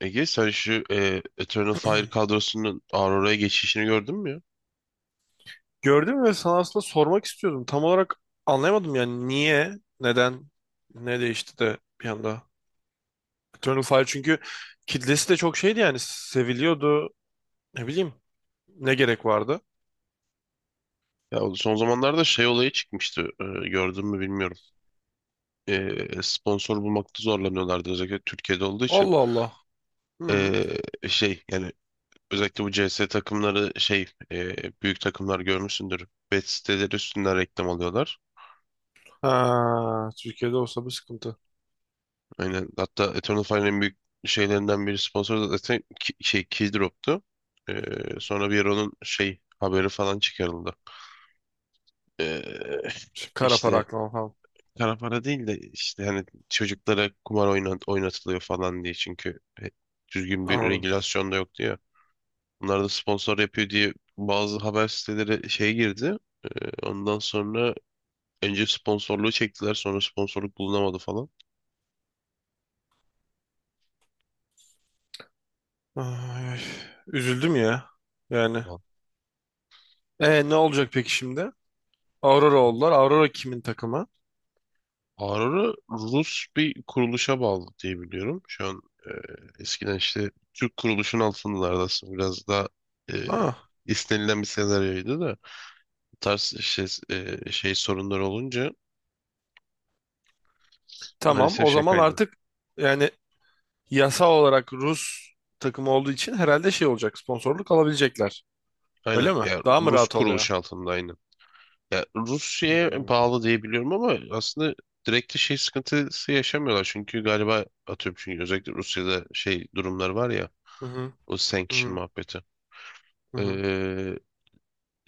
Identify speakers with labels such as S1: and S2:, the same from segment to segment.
S1: Ege sen şu Eternal Fire kadrosunun Aurora'ya geçişini gördün mü ya?
S2: Gördüm ve sana aslında sormak istiyordum. Tam olarak anlayamadım yani niye, neden, ne değişti de bir anda. Eternal Fire çünkü kitlesi de çok şeydi yani seviliyordu. Ne bileyim ne gerek vardı.
S1: Ya o son zamanlarda şey olayı çıkmıştı. Gördün mü bilmiyorum. Sponsor bulmakta zorlanıyorlardı özellikle Türkiye'de olduğu için.
S2: Allah Allah. Hı.
S1: Şey yani özellikle bu CS takımları şey e, büyük takımlar görmüşsündür. Bet siteleri üstünden reklam alıyorlar.
S2: Ha, Türkiye'de olsa bu sıkıntı.
S1: Aynen. Hatta Eternal Fire'ın en büyük şeylerinden biri sponsoru da zaten şey Keydrop'tu. E, Sonra bir ara onun şey haberi falan çıkarıldı. E,
S2: Şey, kara para
S1: işte
S2: aklama falan.
S1: kara para değil de işte hani çocuklara kumar oynatılıyor falan diye çünkü düzgün bir
S2: Anladım.
S1: regülasyon da yok diyor. Bunlar da sponsor yapıyor diye bazı haber siteleri şey girdi. E, Ondan sonra önce sponsorluğu çektiler sonra sponsorluk bulunamadı falan.
S2: Ay, ay. Üzüldüm ya. Yani.
S1: Vallahi.
S2: E ne olacak peki şimdi? Aurora oldular. Aurora kimin takımı?
S1: Aurora Rus bir kuruluşa bağlı diye biliyorum. Şu an e, eskiden işte Türk kuruluşun altındalardı aslında biraz daha e,
S2: Ha,
S1: istenilen bir senaryoydu da bu tarz şey, şey sorunları olunca
S2: tamam.
S1: maalesef
S2: O
S1: şey
S2: zaman
S1: kaydına.
S2: artık yani yasal olarak Rus takımı olduğu için herhalde şey olacak. Sponsorluk alabilecekler. Öyle
S1: Aynen.
S2: mi?
S1: Ya
S2: Daha mı
S1: Rus
S2: rahat oluyor?
S1: kuruluş altında aynen. Ya Rusya'ya
S2: Hmm.
S1: bağlı diye biliyorum ama aslında direkt de şey sıkıntısı yaşamıyorlar. Çünkü galiba atıyorum çünkü özellikle Rusya'da şey durumlar var ya
S2: Hı hı,
S1: o
S2: hı
S1: sanction
S2: hı,
S1: muhabbeti.
S2: hı
S1: Ee,
S2: hı.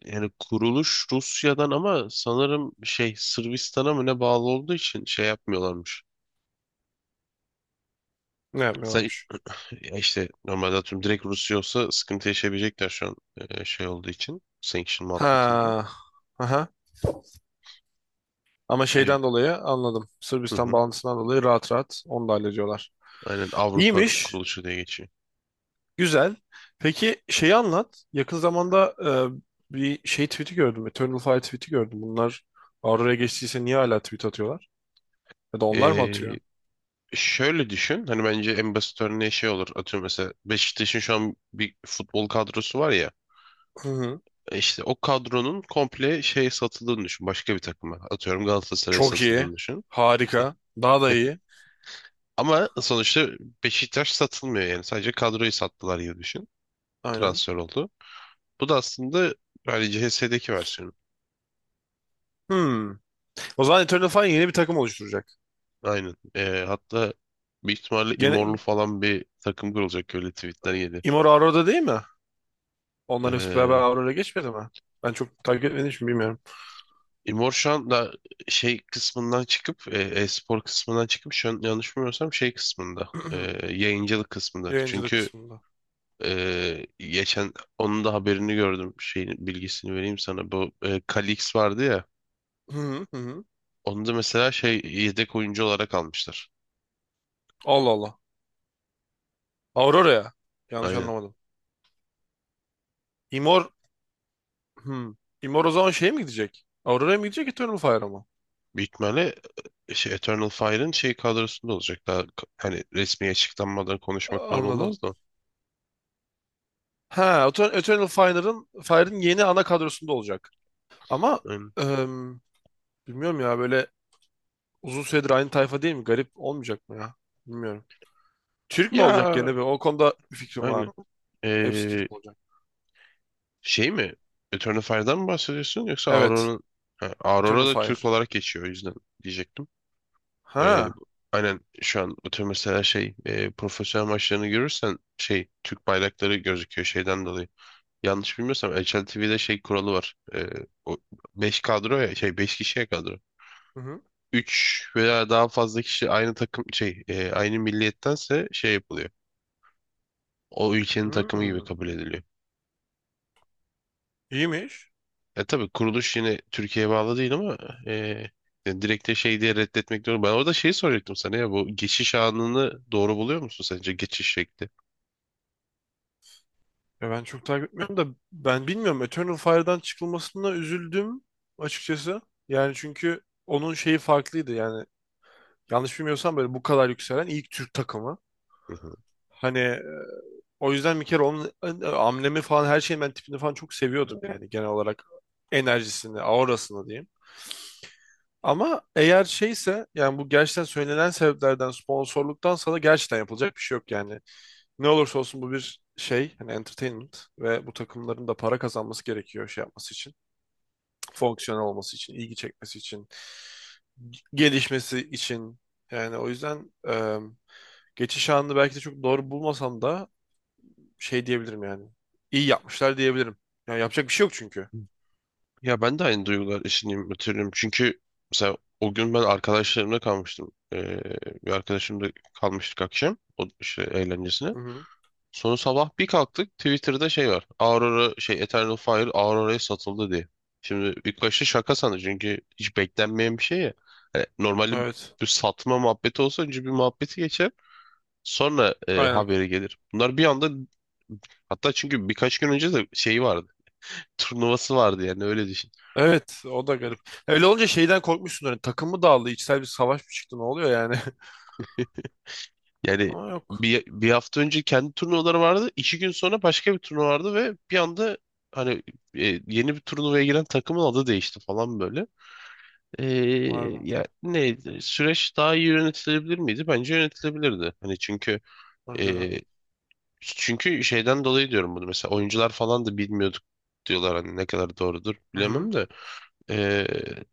S1: Yani kuruluş Rusya'dan ama sanırım şey Sırbistan'a mı ne bağlı olduğu için şey yapmıyorlarmış.
S2: Ne
S1: Sen,
S2: yapmıyorlarmış?
S1: Ya işte normalde atıyorum direkt Rusya olsa sıkıntı yaşayabilecekler şu an şey olduğu için sanction muhabbetinde.
S2: Ha. Aha. Ama
S1: Ee,
S2: şeyden dolayı anladım.
S1: hı
S2: Sırbistan
S1: hı.
S2: bağlantısından dolayı rahat rahat onu da hallediyorlar.
S1: Aynen Avrupa
S2: İyiymiş.
S1: kuruluşu diye geçiyor.
S2: Güzel. Peki şeyi anlat. Yakın zamanda bir şey tweet'i gördüm. Eternal Fire tweet'i gördüm. Bunlar Aurora'ya geçtiyse niye hala tweet atıyorlar? Ya da onlar mı
S1: Ee,
S2: atıyor?
S1: Şöyle düşün. Hani bence en basit örneği şey olur. Atıyorum mesela Beşiktaş'ın şu an bir futbol kadrosu var ya.
S2: Hı hı.
S1: İşte o kadronun komple şey satıldığını düşün. Başka bir takıma. Atıyorum Galatasaray'a
S2: Çok iyi.
S1: satıldığını düşün.
S2: Harika. Daha da iyi.
S1: Ama sonuçta Beşiktaş satılmıyor yani. Sadece kadroyu sattılar gibi düşün.
S2: Aynen.
S1: Transfer oldu. Bu da aslında hani CHS'deki versiyonu.
S2: Hmm. O zaman Eternal Fire yeni bir takım oluşturacak.
S1: Aynen. Hatta büyük ihtimalle İmorlu
S2: Gene
S1: falan bir takım kurulacak, öyle tweetler
S2: Immortal Aurora'da değil mi? Onların hepsi beraber
S1: geldi.
S2: Aurora'ya geçmedi mi? Ben çok takip etmediğim için bilmiyorum.
S1: İmor şu anda şey kısmından çıkıp e-spor kısmından çıkıp şu an yanlış bilmiyorsam şey kısmında yayıncılık kısmında.
S2: Yayıncılık
S1: Çünkü
S2: kısmında.
S1: geçen onun da haberini gördüm, şeyin bilgisini vereyim sana. Bu Kalix vardı ya.
S2: Hı hı hı. Hı.
S1: Onu da mesela şey yedek oyuncu olarak almışlar.
S2: Allah Allah. Aurora'ya. Yanlış
S1: Aynen.
S2: anlamadım. Imor... Hmm. Imor o zaman şeye mi gidecek? Aurora'ya mı gidecek Eternal Fire'a mı?
S1: Büyük ihtimalle şey, Eternal Fire'ın şey kadrosunda olacak. Daha hani resmi açıklanmadan konuşmak doğru
S2: Anladım.
S1: olmaz da.
S2: Ha, Eternal Fire'ın yeni ana kadrosunda olacak. Ama
S1: Aynen.
S2: em, bilmiyorum ya böyle uzun süredir aynı tayfa değil mi? Garip olmayacak mı ya? Bilmiyorum. Türk mü olacak
S1: Ya
S2: gene bir? O konuda bir fikrim var.
S1: aynen.
S2: Hepsi
S1: E,
S2: Türk olacak.
S1: Şey mi? Eternal Fire'dan mı bahsediyorsun yoksa
S2: Evet.
S1: Aurora'nın? Ha,
S2: Eternal
S1: Aurora da
S2: Fire.
S1: Türk olarak geçiyor, o yüzden diyecektim. Böyle
S2: Ha.
S1: aynen şu an o tür mesela şey profesyonel maçlarını görürsen şey Türk bayrakları gözüküyor şeyden dolayı. Yanlış bilmiyorsam HLTV'de TV'de şey kuralı var. O 5 kadro ya, şey 5 kişiye kadro.
S2: Hı hı.
S1: 3 veya daha fazla kişi aynı takım şey aynı milliyettense şey yapılıyor. O ülkenin takımı gibi
S2: Hmm.
S1: kabul ediliyor.
S2: İyiymiş.
S1: Tabii kuruluş yine Türkiye'ye bağlı değil ama e, yani direkt de şey diye reddetmek diyorum. Ben orada şeyi soracaktım sana, ya bu geçiş anını doğru buluyor musun, sence geçiş şekli?
S2: Ya ben çok takip etmiyorum da ben bilmiyorum. Eternal Fire'dan çıkılmasına üzüldüm açıkçası. Yani çünkü onun şeyi farklıydı yani. Yanlış bilmiyorsam böyle bu kadar yükselen ilk Türk takımı.
S1: Hı hı.
S2: Hani. O yüzden bir kere onun amblemi falan her şeyin ben tipini falan çok seviyordum yani genel olarak enerjisini, aurasını diyeyim. Ama eğer şeyse yani bu gerçekten söylenen sebeplerden sponsorluktan sana gerçekten yapılacak bir şey yok yani. Ne olursa olsun bu bir şey hani entertainment ve bu takımların da para kazanması gerekiyor şey yapması için. Fonksiyonel olması için, ilgi çekmesi için, gelişmesi için. Yani o yüzden geçiş anını belki de çok doğru bulmasam da şey diyebilirim yani. İyi yapmışlar diyebilirim. Yani yapacak bir şey yok çünkü.
S1: Ya ben de aynı duygular içindeyim, hatırlıyorum. Çünkü mesela o gün ben arkadaşlarımla kalmıştım. Bir arkadaşımla kalmıştık akşam o işte eğlencesine.
S2: Hı hı.
S1: Sonra sabah bir kalktık, Twitter'da şey var. Aurora şey Eternal Fire Aurora'ya satıldı diye. Şimdi ilk başta şaka sandı çünkü hiç beklenmeyen bir şey ya. Hani normalde
S2: Evet.
S1: bir satma muhabbeti olsa önce bir muhabbeti geçer. Sonra
S2: Aynen.
S1: haberi gelir. Bunlar bir anda, hatta çünkü birkaç gün önce de şeyi vardı. Turnuvası vardı yani, öyle düşün.
S2: Evet, o da garip. Öyle olunca şeyden korkmuşsun hani takım mı dağıldı, içsel bir savaş mı çıktı, ne oluyor yani?
S1: Yani
S2: Ama yok.
S1: bir hafta önce kendi turnuvaları vardı. 2 gün sonra başka bir turnuva vardı ve bir anda hani yeni bir turnuvaya giren takımın adı değişti falan böyle. Ee,
S2: Var bu.
S1: Ya ne, süreç daha iyi yönetilebilir miydi? Bence yönetilebilirdi. Hani
S2: Önceden.
S1: e, çünkü şeyden dolayı diyorum bunu. Mesela oyuncular falan da bilmiyorduk diyorlar, hani ne kadar doğrudur
S2: Hı hı.
S1: bilemem de. Ee,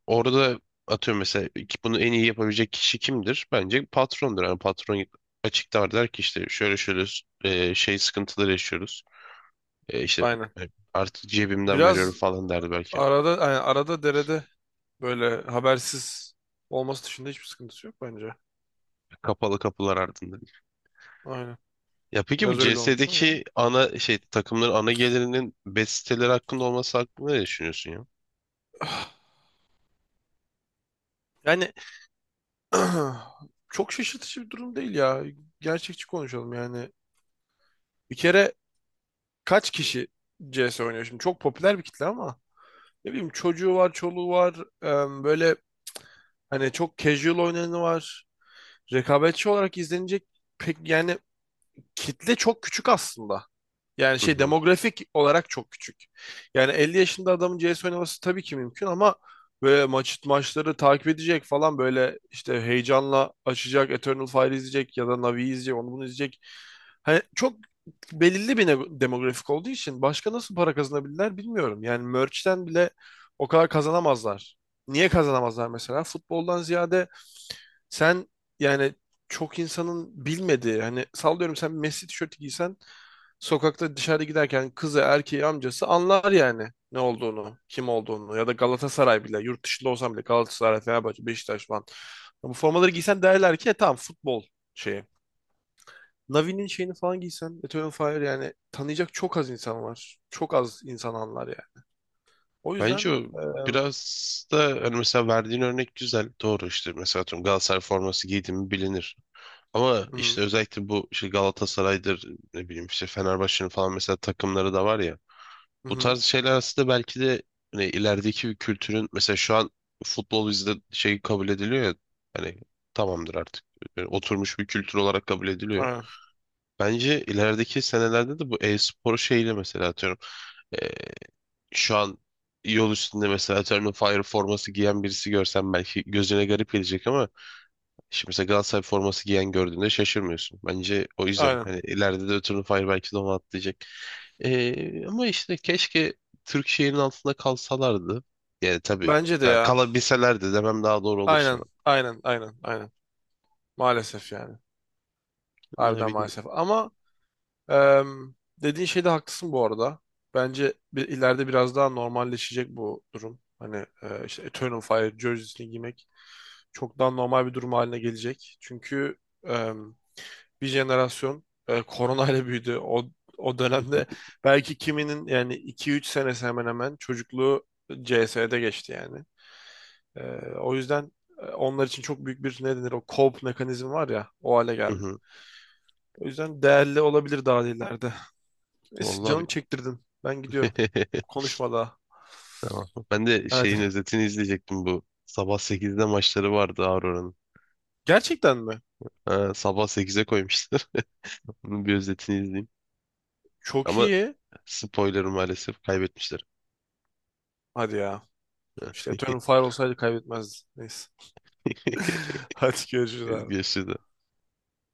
S1: Orada atıyorum mesela ki bunu en iyi yapabilecek kişi kimdir? Bence patrondur. Yani patron açıklar, der ki işte şöyle şöyle şey sıkıntıları yaşıyoruz. İşte
S2: Aynen.
S1: e, artık cebimden
S2: Biraz
S1: veriyorum falan derdi belki.
S2: arada yani arada derede böyle habersiz olması dışında hiçbir sıkıntısı yok bence.
S1: Kapalı kapılar ardında.
S2: Aynen.
S1: Ya peki bu
S2: Biraz öyle olmuş ama.
S1: CS'deki ana şey, takımların ana gelirinin bet siteleri hakkında olması hakkında ne düşünüyorsun ya?
S2: Yani çok şaşırtıcı bir durum değil ya. Gerçekçi konuşalım yani. Bir kere kaç kişi CS oynuyor şimdi? Çok popüler bir kitle ama ne bileyim çocuğu var, çoluğu var. Böyle hani çok casual oynayanı var. Rekabetçi olarak izlenecek pek yani kitle çok küçük aslında. Yani
S1: Hı
S2: şey
S1: hı.
S2: demografik olarak çok küçük. Yani 50 yaşında adamın CS oynaması tabii ki mümkün ama böyle maç maçları takip edecek falan böyle işte heyecanla açacak, Eternal Fire izleyecek ya da Navi'yi izleyecek, onu bunu izleyecek. Hani çok belirli bir demografik olduğu için başka nasıl para kazanabilirler bilmiyorum. Yani merch'ten bile o kadar kazanamazlar. Niye kazanamazlar mesela? Futboldan ziyade sen yani çok insanın bilmediği hani sallıyorum sen Messi tişörtü giysen sokakta dışarı giderken kızı erkeği amcası anlar yani ne olduğunu kim olduğunu ya da Galatasaray bile yurt dışında olsam bile Galatasaray Fenerbahçe Beşiktaş falan bu formaları giysen derler ki "E tamam futbol şeyi. Navi'nin şeyini falan giysen Eto'o Fire yani tanıyacak çok az insan var. Çok az insan anlar yani. O
S1: Bence
S2: yüzden
S1: o biraz da hani, mesela verdiğin örnek güzel. Doğru işte, mesela atıyorum Galatasaray forması giydi mi bilinir. Ama
S2: hı hı,
S1: işte özellikle bu işte Galatasaray'dır, ne bileyim işte Fenerbahçe'nin falan mesela takımları da var ya.
S2: hı
S1: Bu
S2: hı,
S1: tarz şeyler aslında belki de hani ilerideki bir kültürün, mesela şu an futbol bizde şey kabul ediliyor ya, hani tamamdır artık. Yani oturmuş bir kültür olarak kabul ediliyor.
S2: aynen,
S1: Bence ilerideki senelerde de bu e-spor şeyle, mesela atıyorum. e, Şu an yol üstünde mesela atıyorum Fire forması giyen birisi görsem belki gözüne garip gelecek ama şimdi mesela Galatasaray forması giyen gördüğünde şaşırmıyorsun. Bence o yüzden
S2: aynen.
S1: hani ileride de ötürü Fire belki de onu atlayacak. Ama işte keşke Türk şehrinin altında kalsalardı. Yani tabii
S2: Bence de ya.
S1: kalabilselerdi demem daha doğru olur sana.
S2: Aynen, aynen, aynen, aynen. Maalesef yani.
S1: Ne
S2: Harbiden
S1: bileyim.
S2: maalesef. Ama em, dediğin şeyde haklısın bu arada. Bence bir, ileride biraz daha normalleşecek bu durum. Hani işte Eternal Fire jersey'sini giymek çok daha normal bir durum haline gelecek. Çünkü em, bir jenerasyon koronayla büyüdü. O dönemde belki kiminin yani 2-3 senesi hemen hemen çocukluğu CS'de geçti yani. E, o yüzden onlar için çok büyük bir ne denir o cope mekanizmi var ya o hale geldi. O yüzden değerli olabilir daha ileride. Neyse canım
S1: Vallahi
S2: çektirdin. Ben gidiyorum.
S1: bi-
S2: Konuşma daha.
S1: Tamam. Ben de
S2: Hadi.
S1: şeyin özetini izleyecektim bu. Sabah 8'de maçları vardı Aurora'nın.
S2: Gerçekten mi?
S1: Ha, sabah 8'e koymuşlar. Bunun bir özetini izleyeyim.
S2: Çok
S1: Ama
S2: iyi.
S1: spoiler maalesef kaybetmişler.
S2: Hadi ya. İşte Eternal Fire olsaydı kaybetmezdin. Neyse. Hadi görüşürüz abi.
S1: Görüşürüz.